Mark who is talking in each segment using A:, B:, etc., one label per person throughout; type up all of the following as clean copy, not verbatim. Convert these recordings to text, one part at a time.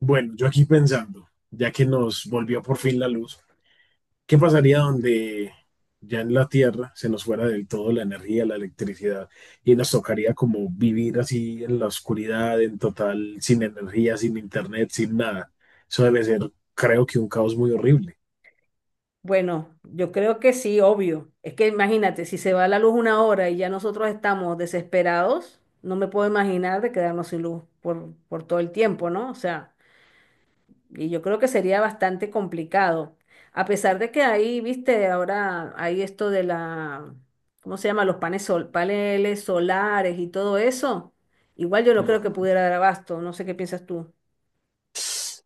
A: Bueno, yo aquí pensando, ya que nos volvió por fin la luz, ¿qué pasaría donde ya en la Tierra se nos fuera del todo la energía, la electricidad, y nos tocaría como vivir así en la oscuridad, en total, sin energía, sin internet, sin nada? Eso debe ser, creo que un caos muy horrible.
B: Bueno, yo creo que sí, obvio. Es que imagínate, si se va la luz una hora y ya nosotros estamos desesperados, no me puedo imaginar de quedarnos sin luz por todo el tiempo, ¿no? O sea, y yo creo que sería bastante complicado. A pesar de que ahí, viste, ahora hay esto de la, ¿cómo se llama? Los panes sol, paneles solares y todo eso. Igual yo no creo que
A: Ujú.
B: pudiera dar abasto, no sé qué piensas tú.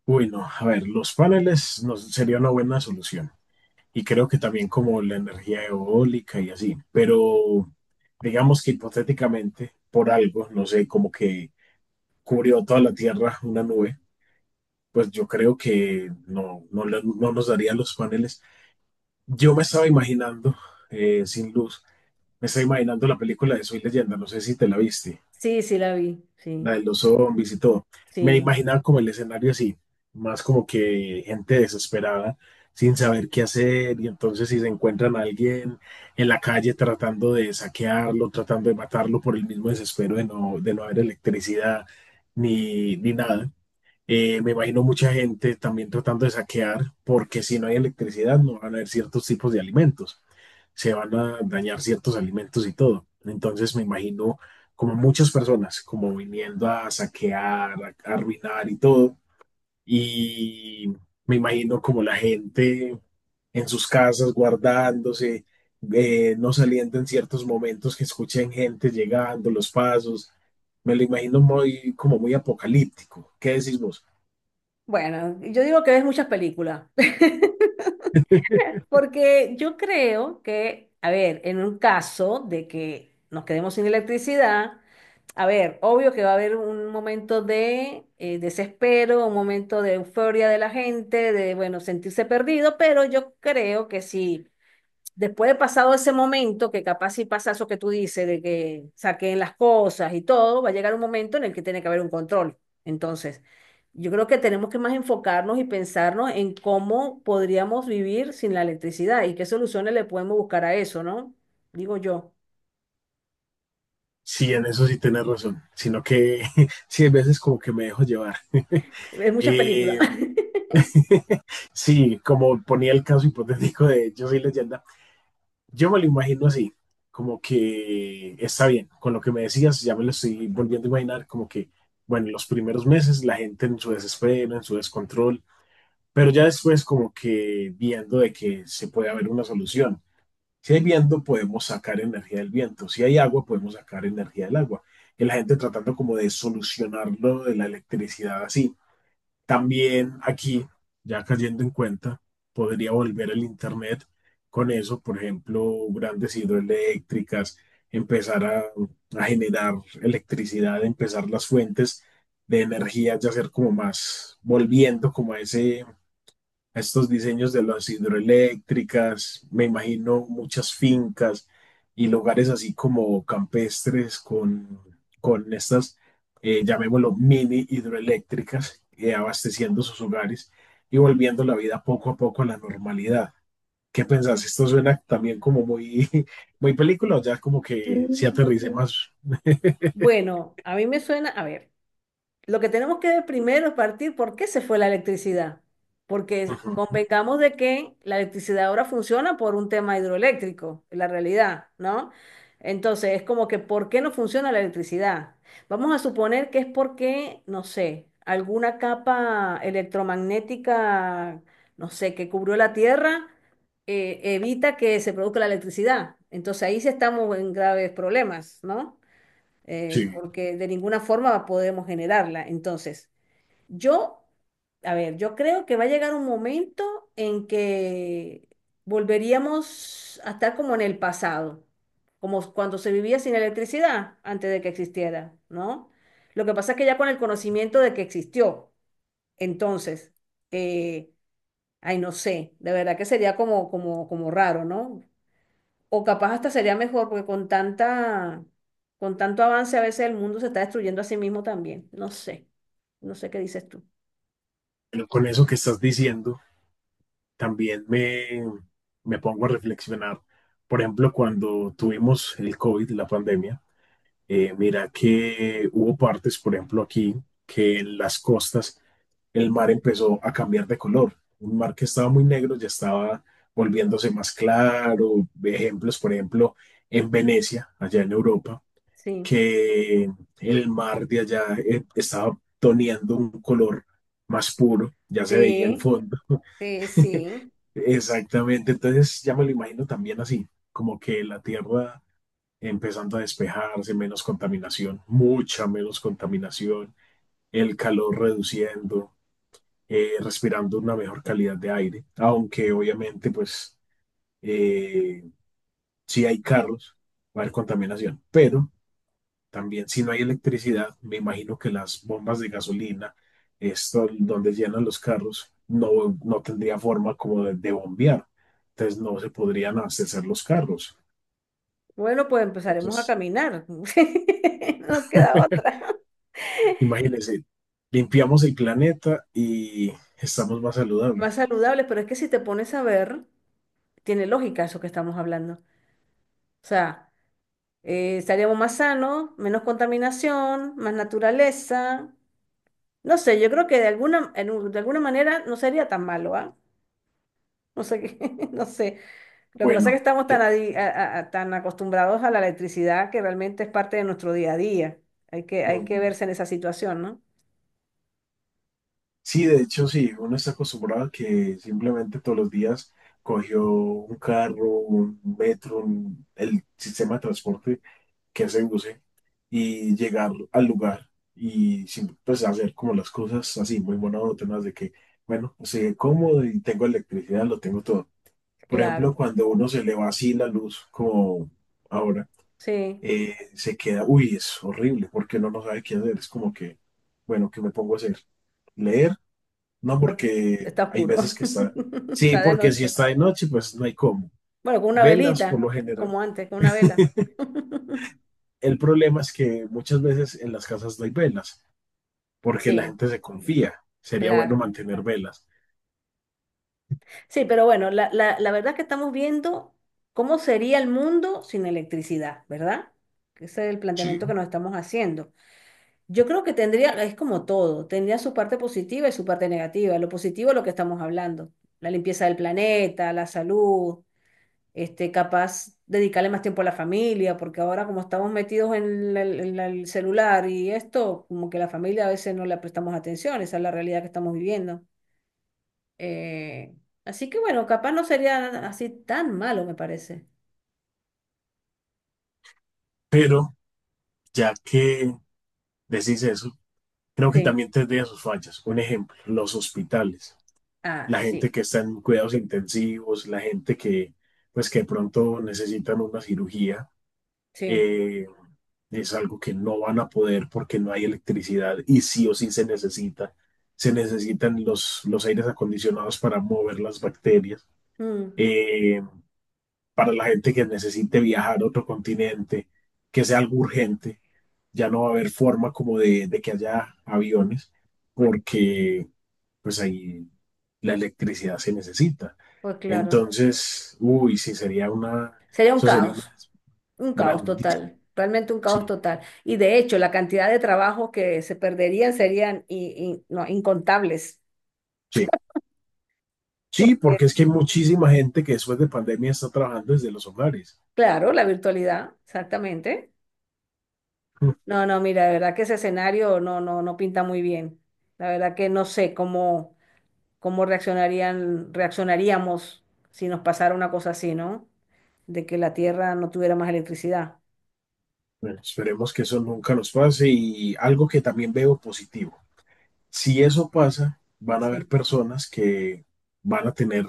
A: Uy, no, a ver, los paneles nos, sería una buena solución. Y creo que también como la energía eólica y así. Pero digamos que hipotéticamente, por algo, no sé, como que cubrió toda la Tierra una nube, pues yo creo que no nos darían los paneles. Yo me estaba imaginando, sin luz, me estaba imaginando la película de Soy Leyenda, no sé si te la viste,
B: Sí, sí la vi,
A: la
B: sí,
A: de los zombies y todo. Me
B: sí.
A: imaginaba como el escenario así, más como que gente desesperada, sin saber qué hacer, y entonces si se encuentran a alguien en la calle tratando de saquearlo, tratando de matarlo por el mismo desespero de no haber electricidad ni nada. Me imagino mucha gente también tratando de saquear, porque si no hay electricidad no van a haber ciertos tipos de alimentos, se van a dañar ciertos alimentos y todo. Entonces me imagino como muchas personas, como viniendo a saquear, a arruinar y todo. Y me imagino como la gente en sus casas guardándose, no saliendo en ciertos momentos que escuchen gente llegando, los pasos. Me lo imagino muy, como muy apocalíptico. ¿Qué decís vos?
B: Bueno, yo digo que ves muchas películas. Porque yo creo que, a ver, en un caso de que nos quedemos sin electricidad, a ver, obvio que va a haber un momento de desespero, un momento de euforia de la gente, de, bueno, sentirse perdido, pero yo creo que sí después de pasado ese momento, que capaz si pasa eso que tú dices, de que saquen las cosas y todo, va a llegar un momento en el que tiene que haber un control. Entonces, yo creo que tenemos que más enfocarnos y pensarnos en cómo podríamos vivir sin la electricidad y qué soluciones le podemos buscar a eso, ¿no? Digo yo.
A: Sí, en eso sí tienes razón, sino que sí, hay veces como que me dejo llevar.
B: Es muchas películas.
A: Eh, sí, como ponía el caso hipotético de Yo soy leyenda, yo me lo imagino así, como que está bien, con lo que me decías, ya me lo estoy volviendo a imaginar, como que, bueno, los primeros meses la gente en su desespero, en su descontrol, pero ya después como que viendo de que se puede haber una solución. Si hay viento, podemos sacar energía del viento. Si hay agua, podemos sacar energía del agua. Y la gente tratando como de solucionarlo de la electricidad así. También aquí, ya cayendo en cuenta, podría volver el Internet con eso, por ejemplo, grandes hidroeléctricas, empezar a generar electricidad, empezar las fuentes de energía, ya ser como más, volviendo como a ese estos diseños de las hidroeléctricas, me imagino muchas fincas y lugares así como campestres con estas, llamémoslo, mini hidroeléctricas, abasteciendo sus hogares y volviendo la vida poco a poco a la normalidad. ¿Qué pensás? Esto suena también como muy, muy película, o ya como que si aterrice
B: Mm.
A: más.
B: Bueno, a mí me suena, a ver. Lo que tenemos que ver primero es partir por qué se fue la electricidad. Porque
A: Ujú.
B: convengamos de que la electricidad ahora funciona por un tema hidroeléctrico, la realidad, ¿no? Entonces, es como que ¿por qué no funciona la electricidad? Vamos a suponer que es porque, no sé, alguna capa electromagnética, no sé, que cubrió la Tierra, evita que se produzca la electricidad. Entonces ahí sí estamos en graves problemas, ¿no?
A: Sí,
B: Porque de ninguna forma podemos generarla. Entonces, yo, a ver, yo creo que va a llegar un momento en que volveríamos a estar como en el pasado, como cuando se vivía sin electricidad antes de que existiera, ¿no? Lo que pasa es que ya con el conocimiento de que existió, entonces, eh, ay, no sé, de verdad que sería como raro, ¿no? O capaz hasta sería mejor, porque con tanta, con tanto avance a veces el mundo se está destruyendo a sí mismo también. No sé, no sé qué dices tú.
A: pero con eso que estás diciendo. también me, me pongo a reflexionar. Por ejemplo, cuando tuvimos el COVID, la pandemia, mira que hubo partes, por ejemplo, aquí, que en las costas el mar empezó a cambiar de color. Un mar que estaba muy negro ya estaba volviéndose más claro. Ejemplos, por ejemplo, en Venecia, allá en Europa,
B: Sí,
A: que el mar de allá estaba toneando un color más puro, ya se veía el
B: sí,
A: fondo.
B: sí, sí.
A: Exactamente, entonces ya me lo imagino también así, como que la Tierra empezando a despejarse, menos contaminación, mucha menos contaminación, el calor reduciendo, respirando una mejor calidad de aire, aunque obviamente pues eh, si hay carros va a haber contaminación, pero también, si no hay electricidad, me imagino que las bombas de gasolina, esto donde llenan los carros, no tendría forma como de bombear. Entonces no se podrían abastecer los carros.
B: Bueno, pues empezaremos a
A: Entonces,
B: caminar. No nos queda otra.
A: imagínense, limpiamos el planeta y estamos más
B: Más
A: saludables.
B: saludables, pero es que si te pones a ver, tiene lógica eso que estamos hablando. O sea, estaríamos más sanos, menos contaminación, más naturaleza. No sé, yo creo que de alguna, de alguna manera no sería tan malo, ¿ah? No sé qué, no sé. Lo que pasa es que
A: Bueno,
B: estamos tan,
A: yo
B: tan acostumbrados a la electricidad que realmente es parte de nuestro día a día. Hay que
A: mm,
B: verse en esa situación, ¿no?
A: sí, de hecho, sí, uno está acostumbrado a que simplemente todos los días cogió un carro, un metro, el sistema de transporte que se use y llegar al lugar y sin, pues hacer como las cosas así, muy monótonas de que, bueno, sé cómodo y tengo electricidad, lo tengo todo. Por ejemplo,
B: Claro,
A: cuando uno se le va así la luz, como ahora,
B: sí,
A: se queda, uy, es horrible porque uno no sabe qué hacer, es como que, bueno, ¿qué me pongo a hacer? ¿Leer? No, porque
B: está
A: hay veces
B: oscuro.
A: que está, sí,
B: Está de
A: porque si
B: noche.
A: está de noche, pues no hay cómo.
B: Bueno, con una
A: Velas, por
B: velita,
A: lo general.
B: como antes, con una vela.
A: El problema es que muchas veces en las casas no hay velas, porque la
B: Sí,
A: gente se confía. Sería bueno
B: claro.
A: mantener velas.
B: Sí, pero bueno, la verdad es que estamos viendo cómo sería el mundo sin electricidad, ¿verdad? Ese es el
A: Sí.
B: planteamiento que nos estamos haciendo. Yo creo que tendría, es como todo, tendría su parte positiva y su parte negativa. Lo positivo es lo que estamos hablando, la limpieza del planeta, la salud, este, capaz dedicarle más tiempo a la familia, porque ahora como estamos metidos en, el celular y esto, como que la familia a veces no le prestamos atención, esa es la realidad que estamos viviendo. Eh, así que bueno, capaz no sería así tan malo, me parece.
A: Pero ya que decís eso, creo que
B: Sí,
A: también tendría sus fallas. Un ejemplo, los hospitales,
B: ah,
A: la gente
B: sí,
A: que está en cuidados intensivos, la gente que, pues, que de pronto necesitan una cirugía,
B: sí,
A: eh, es algo que no van a poder porque no hay electricidad y sí o sí se necesita. Se necesitan los aires acondicionados para mover las bacterias.
B: mm,
A: Eh, para la gente que necesite viajar a otro continente, que sea algo urgente, ya no va a haber forma como de que haya aviones, porque pues ahí la electricidad se necesita.
B: pues claro,
A: Entonces, uy, sí, sería una,
B: sería un
A: eso sería
B: caos.
A: una
B: Un caos
A: grandísima,
B: total, realmente un caos
A: sí,
B: total. Y de hecho, la cantidad de trabajos que se perderían serían no, incontables.
A: sí, sí,
B: Porque,
A: porque es que hay muchísima gente que después de pandemia está trabajando desde los hogares.
B: claro, la virtualidad, exactamente.
A: Mm.
B: No, no, mira, de verdad que ese escenario no, no, no pinta muy bien. La verdad que no sé cómo, cómo reaccionaríamos si nos pasara una cosa así, ¿no? De que la Tierra no tuviera más electricidad.
A: Bueno, esperemos que eso nunca nos pase y algo que también veo positivo. Si eso pasa, van a haber
B: Sí.
A: personas que van a tener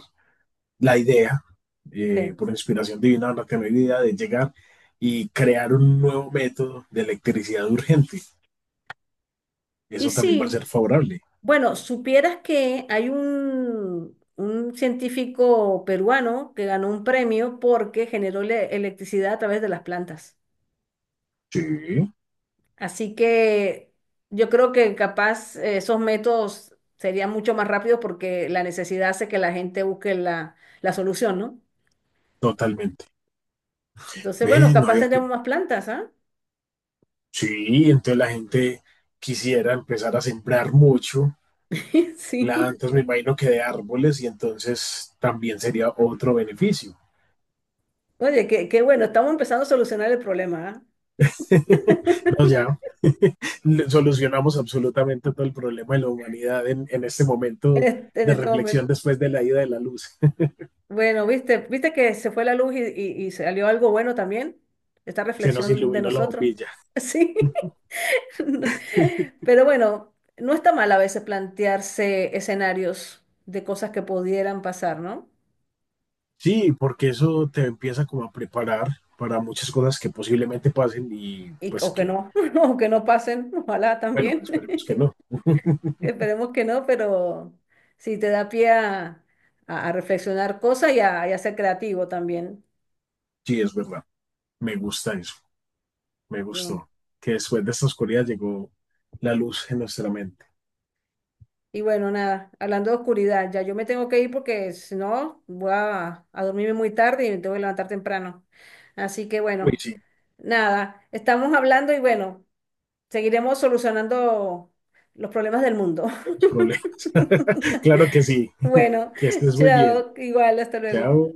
A: la idea,
B: Sí.
A: por inspiración divina, van a tener la idea de llegar y crear un nuevo método de electricidad urgente.
B: Y
A: Eso también va a ser
B: sí.
A: favorable.
B: Bueno, supieras que hay un científico peruano que ganó un premio porque generó electricidad a través de las plantas.
A: Sí,
B: Así que yo creo que capaz esos métodos serían mucho más rápidos porque la necesidad hace que la gente busque la, la solución, ¿no?
A: totalmente.
B: Entonces, bueno,
A: Ve, no
B: capaz
A: había que...
B: tendremos más plantas, ¿ah?
A: Sí, entonces la gente quisiera empezar a sembrar mucho
B: Sí.
A: plantas, me imagino que de árboles, y entonces también sería otro beneficio.
B: Oye, qué, qué bueno, estamos empezando a solucionar el problema, ¿ah?
A: No, ya, solucionamos absolutamente todo el problema de la humanidad en este momento
B: En
A: de
B: este
A: reflexión
B: momento.
A: después de la ida de la luz.
B: Bueno, viste, viste que se fue la luz y salió algo bueno también, esta
A: Se nos
B: reflexión de
A: iluminó la
B: nosotros.
A: bombilla.
B: Sí, pero bueno, no está mal a veces plantearse escenarios de cosas que pudieran pasar, ¿no?
A: Sí, porque eso te empieza como a preparar para muchas cosas que posiblemente pasen y
B: Y,
A: pues
B: o que
A: que,
B: no, o que no pasen, ojalá
A: bueno,
B: también.
A: esperemos que no.
B: Esperemos que no, pero sí te da pie a, a reflexionar cosas y a ser creativo también.
A: Sí, es verdad. Me gusta eso. Me gustó que después de esta oscuridad llegó la luz en nuestra mente.
B: Y bueno, nada, hablando de oscuridad, ya yo me tengo que ir porque si no, voy a dormirme muy tarde y me tengo que levantar temprano. Así que
A: Uy,
B: bueno,
A: sí,
B: nada, estamos hablando y bueno, seguiremos solucionando los problemas del mundo.
A: los problemas. Claro que sí.
B: Bueno,
A: Que estés muy bien.
B: chao, igual, hasta luego.
A: Chao.